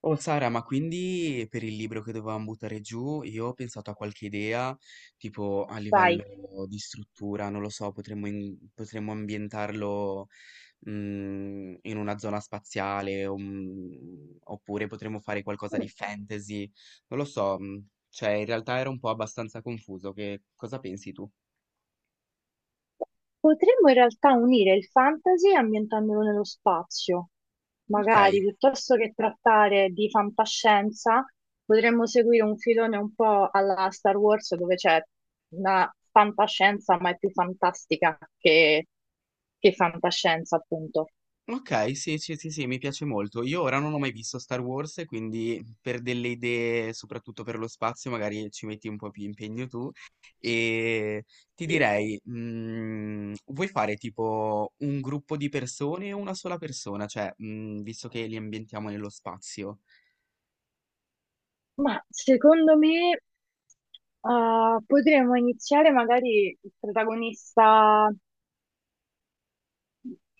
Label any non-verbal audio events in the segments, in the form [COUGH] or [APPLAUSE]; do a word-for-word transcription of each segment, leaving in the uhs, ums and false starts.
Oh Sara, ma quindi per il libro che dovevamo buttare giù, io ho pensato a qualche idea, tipo a Sai, livello di struttura, non lo so, potremmo, in- potremmo ambientarlo mm, in una zona spaziale, o, mm, oppure potremmo fare qualcosa di fantasy, non lo so, mm, cioè in realtà era un po' abbastanza confuso, che cosa pensi tu? potremmo in realtà unire il fantasy ambientandolo nello spazio. Ok. Magari, piuttosto che trattare di fantascienza, potremmo seguire un filone un po' alla Star Wars, dove c'è una fantascienza, ma è più fantastica che, che fantascienza, appunto. Ok, sì, sì, sì, sì, mi piace molto. Io ora non ho mai visto Star Wars, quindi per delle idee, soprattutto per lo spazio, magari ci metti un po' più impegno tu. E ti Sì. direi, mm, vuoi fare tipo un gruppo di persone o una sola persona? Cioè, mm, visto che li ambientiamo nello spazio, Ma secondo me, eh, potremmo iniziare magari il protagonista.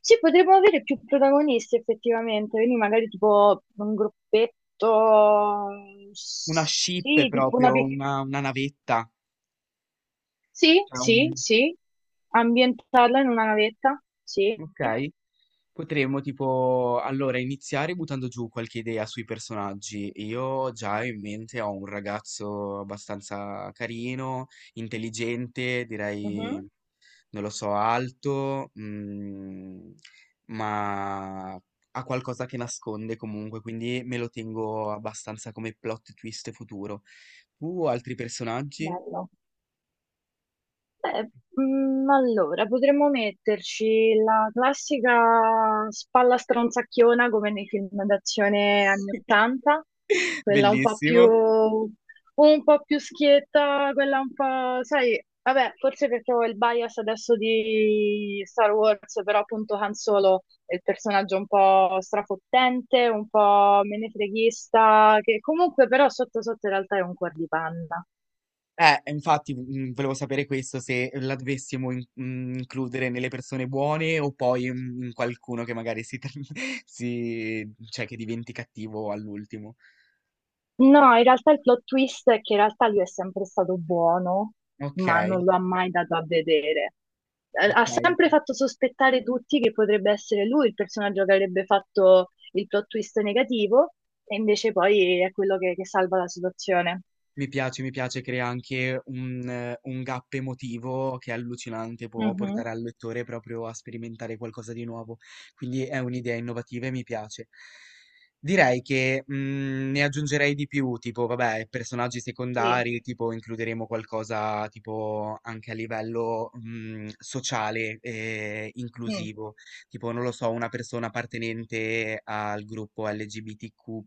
Sì, potremmo avere più protagonisti effettivamente, quindi magari tipo un gruppetto, una ship sì, tipo una proprio, pic- una, una navetta. Sì, Cioè sì, un- sì, ambientarla in una navetta, sì. Ok, potremmo tipo allora iniziare buttando giù qualche idea sui personaggi. Io già in mente ho un ragazzo abbastanza carino, intelligente, direi, Mhm. non lo so, alto, mm, ma ha qualcosa che nasconde comunque, quindi me lo tengo abbastanza come plot twist futuro. Tu, altri personaggi? Bello. Beh, mm, allora, potremmo metterci la classica spalla stronzacchiona come nei film d'azione anni [LAUGHS] ottanta, quella un po' più, Bellissimo. un po' più schietta, quella un po', sai, vabbè, forse perché ho il bias adesso di Star Wars, però appunto Han Solo è il personaggio un po' strafottente, un po' menefreghista, che comunque però sotto sotto in realtà è un cuor di panna. Eh, infatti, mm, volevo sapere questo, se la dovessimo in- mm, includere nelle persone buone o poi mm, in qualcuno che magari si, tra- [LAUGHS] si, cioè che diventi cattivo all'ultimo. No, in realtà il plot twist è che in realtà lui è sempre stato buono, Ok, ma non lo ha mai dato a vedere. Eh, Ha ok. Ok. sempre fatto sospettare tutti che potrebbe essere lui il personaggio che avrebbe fatto il plot twist negativo, e invece poi è quello che, che salva la situazione. Mi piace, mi piace, crea anche un, eh, un gap emotivo che è allucinante, può Mhm. portare al lettore proprio a sperimentare qualcosa di nuovo, quindi è un'idea innovativa e mi piace. Direi che mm, ne aggiungerei di più, tipo, vabbè, personaggi Sì. secondari, tipo includeremo qualcosa tipo anche a livello mm, sociale e Mm, inclusivo, tipo, non lo so, una persona appartenente al gruppo L G B T Q più,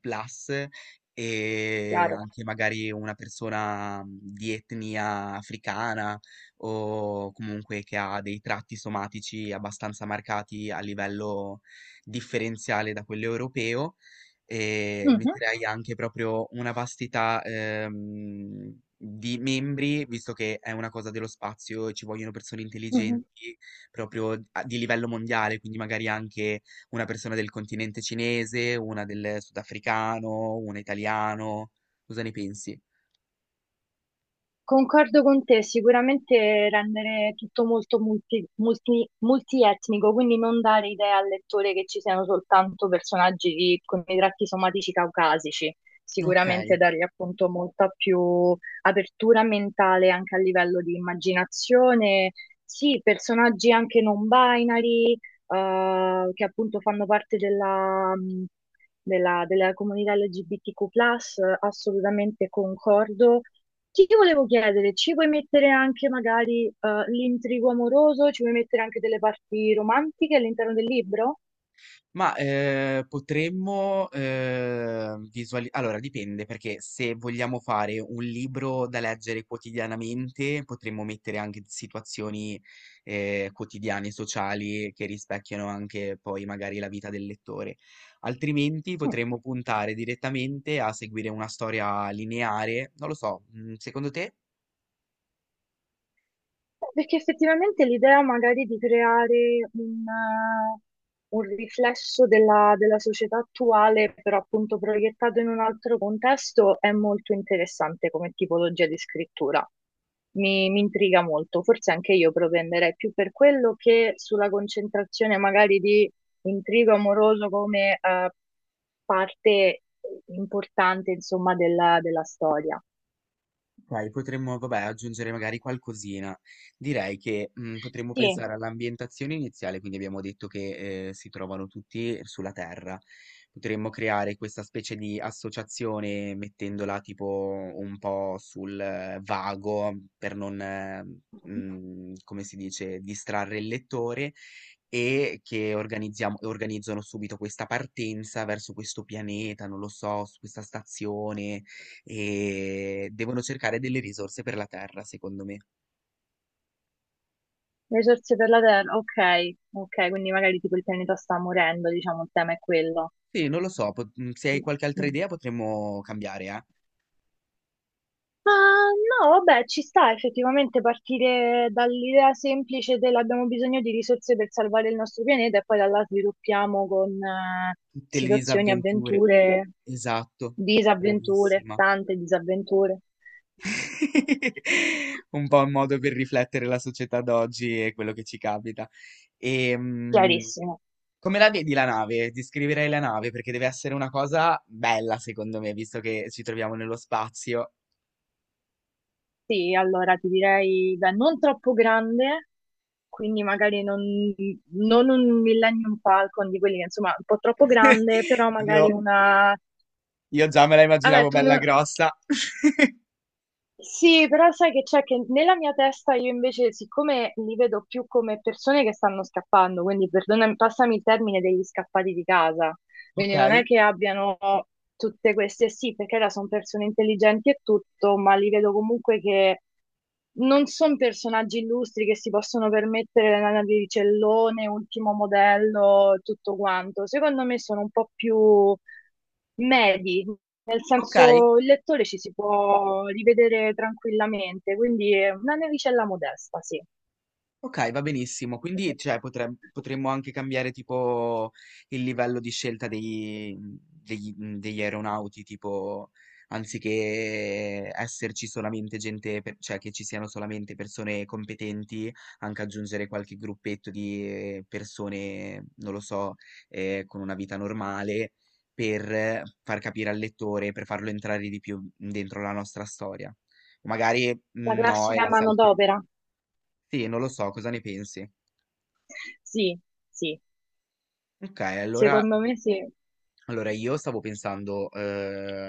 e chiaro. anche magari una persona mh, di etnia africana o comunque che ha dei tratti somatici abbastanza marcati a livello differenziale da quello europeo e Mhm, metterei anche proprio una vastità ehm, di membri, visto che è una cosa dello spazio, ci vogliono persone mhm. intelligenti proprio a- di livello mondiale, quindi magari anche una persona del continente cinese, una del sudafricano, una italiano. Cosa ne pensi? Concordo con te, sicuramente rendere tutto molto multi- multi- multietnico, quindi non dare idea al lettore che ci siano soltanto personaggi di- con i tratti somatici caucasici, Ok. sicuramente dargli appunto molta più apertura mentale anche a livello di immaginazione, sì, personaggi anche non binary, eh, che appunto fanno parte della, mh, della della comunità elle gi bi ti cu plus, assolutamente concordo. Ti volevo chiedere, ci puoi mettere anche magari eh, l'intrigo amoroso, ci puoi mettere anche delle parti romantiche all'interno del libro? Ma eh, potremmo visualizzare. Allora, dipende, perché se vogliamo fare un libro da leggere quotidianamente, potremmo mettere anche situazioni eh, quotidiane, sociali, che rispecchiano anche poi magari la vita del lettore. Altrimenti potremmo puntare direttamente a seguire una storia lineare. Non lo so, mm, secondo te? Perché effettivamente l'idea magari di creare un, eh, un riflesso della, della società attuale, però appunto proiettato in un altro contesto, è molto interessante come tipologia di scrittura. Mi, mi intriga molto, forse anche io propenderei più per quello che sulla concentrazione magari di intrigo amoroso come eh, parte importante, insomma, della, della storia. Ok, potremmo, vabbè, aggiungere magari qualcosina. Direi che mm, potremmo Sì. pensare all'ambientazione iniziale, quindi abbiamo detto che eh, si trovano tutti sulla Terra. Potremmo creare questa specie di associazione mettendola tipo un po' sul eh, vago per non, eh, mm, come si dice, distrarre il lettore e che organizziamo, organizzano subito questa partenza verso questo pianeta, non lo so, su questa stazione e devono cercare delle risorse per la Terra, secondo me. Risorse per la Terra, ok, ok, quindi magari tipo il pianeta sta morendo, diciamo, il tema è quello. Sì, non lo so, pot- mm, se hai Mm. qualche altra mm. idea potremmo cambiare, eh? Ah, no, vabbè, ci sta effettivamente partire dall'idea semplice dell'abbiamo bisogno di risorse per salvare il nostro pianeta e poi da là sviluppiamo con eh, Tutte le situazioni, disavventure. avventure, Esatto, disavventure, bravissima. tante disavventure. [LAUGHS] Un po' un modo per riflettere la società d'oggi e quello che ci capita. E, mm, Chiarissimo. come la vedi la nave? Descriverei la nave perché deve essere una cosa bella, secondo me, visto che ci troviamo nello spazio. Sì, allora ti direi, beh, non troppo grande, quindi magari non, non un Millennium Falcon di quelli che insomma un po' troppo grande, però [LAUGHS] magari Io, una... io già me la Vabbè, immaginavo tu bella non- grossa. [LAUGHS] Sì, però sai che c'è che nella mia testa io invece, siccome li vedo più come persone che stanno scappando, quindi perdonami, passami il termine degli scappati di casa. Ok. Quindi non è che abbiano tutte queste, sì, perché là sono persone intelligenti e tutto, ma li vedo comunque che non sono personaggi illustri che si possono permettere la navicellone, ultimo modello, tutto quanto. Secondo me sono un po' più medi, nel Okay, senso il lettore ci si può rivedere tranquillamente, quindi è una navicella modesta, sì. okay, va benissimo. Quindi, cioè, potrem potremmo anche cambiare tipo il livello di scelta dei mhmm, degli mhmm, degli aeronauti, tipo anziché esserci solamente gente per cioè, che ci siano solamente persone competenti, anche aggiungere qualche gruppetto di, ehm, persone, non lo so, ehm, con una vita normale, per eh, far capire al lettore, per farlo entrare di più dentro la nostra storia. Magari, La mhmm, no e classica la saltia. manodopera, Sì, non lo so, cosa ne pensi? sì, sì. Okay. allora Secondo me sì. Allora, io stavo pensando, eh,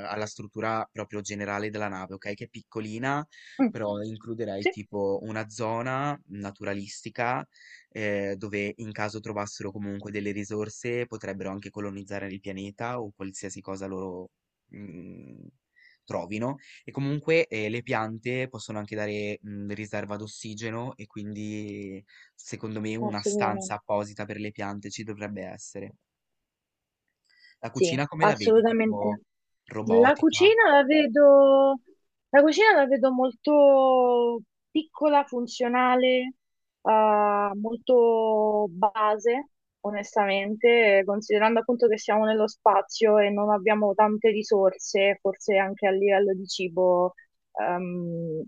alla struttura proprio generale della nave, ok? Che è piccolina, Mm, però includerei sì, tipo una zona naturalistica, eh, dove in caso trovassero comunque delle risorse, potrebbero anche colonizzare il pianeta o qualsiasi cosa loro, mm, trovino. E comunque, eh, le piante possono anche dare, mm, riserva d'ossigeno e quindi, secondo me, una stanza assolutamente. apposita per le piante ci dovrebbe essere. La Sì, cucina come la vedi? Tipo assolutamente. La robotica? cucina la vedo, la cucina la vedo molto piccola, funzionale, eh, molto base, onestamente, eh, considerando appunto che siamo nello spazio e non abbiamo tante risorse, forse anche a livello di cibo ehm,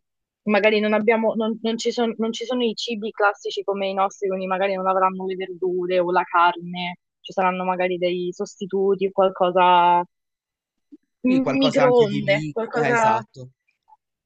magari non abbiamo, non, non ci son- non ci sono i cibi classici come i nostri, quindi magari non avranno le verdure o la carne, ci saranno magari dei sostituti, qualcosa, Sì, qualcosa anche di microonde, liqui, eh, qualcosa, esatto.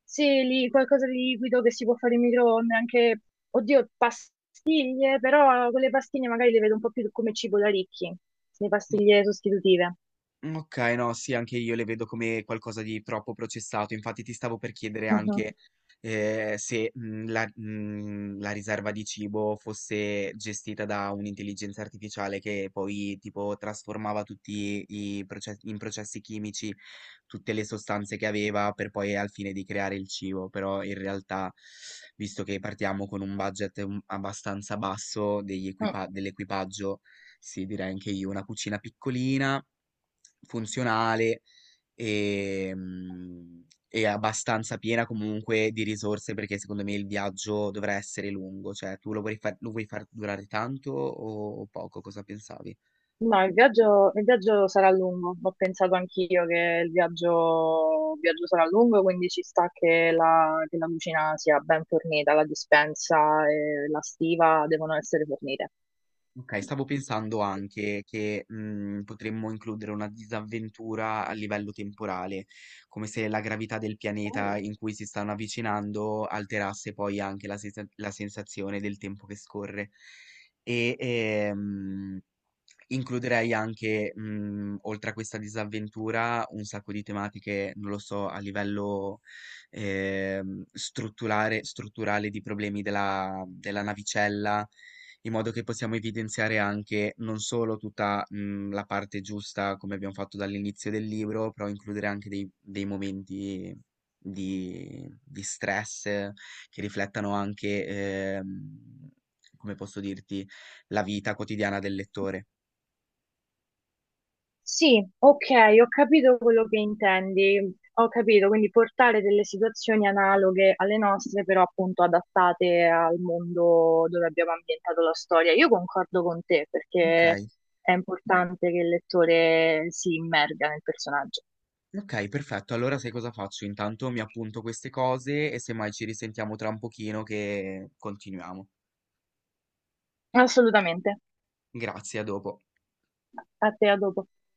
sì, lì, qualcosa di liquido che si può fare in microonde, anche, oddio, pastiglie, però quelle pastiglie magari le vedo un po' più come cibo da ricchi, le pastiglie sostitutive. Mhmm, okay, no, sì, anche io le vedo come qualcosa di troppo processato. Infatti ti stavo per chiedere Mhm. anche, ehm, se, mhmm, la mhmm, la riserva di cibo fosse gestita da un'intelligenza artificiale che poi tipo trasformava tutti i proce in processi chimici tutte le sostanze che aveva per poi al fine di creare il cibo, però in realtà visto che partiamo con un budget, mhmm, abbastanza basso degli Mm. equipa dell'equipaggio, sì, direi anche io una cucina piccolina funzionale e, mm, e abbastanza piena comunque di risorse perché secondo me il viaggio dovrà essere lungo, cioè tu lo vuoi far, lo vuoi far durare tanto o poco? Cosa pensavi? No, il viaggio, il viaggio sarà lungo, ho pensato anch'io che il viaggio, il viaggio sarà lungo, quindi ci sta che la, che la cucina sia ben fornita, la dispensa e la stiva devono essere fornite. Ok, stavo pensando anche che mm, potremmo includere una disavventura a livello temporale, come se la gravità del pianeta in cui si stanno avvicinando alterasse poi anche la, sensa- la sensazione del tempo che scorre. E ehm, Includerei anche, mhmm, oltre a questa disavventura, un sacco di tematiche, non lo so, a livello, ehm, strutturare strutturale di problemi della della navicella, in modo che possiamo evidenziare anche non solo tutta, mhmm, la parte giusta come abbiam fatto dall'inizio del libro, però includere anche dei dei momenti di di stress, eh, che riflettano anche, ehm, come posso dirti, la vita quotidiana del lettore. Sì, ok, ho capito quello che intendi, ho capito, quindi portare delle situazioni analoghe alle nostre, però appunto adattate al mondo dove abbiamo ambientato la storia. Io concordo con te Ok, perché è importante che il lettore si immerga nel personaggio. ok, perfetto. Allora sai cosa faccio? Intanto mi appunto queste cose e semmai ci risentiamo tra un pochino che continuiamo. Assolutamente. Grazie, a dopo. A te, a dopo.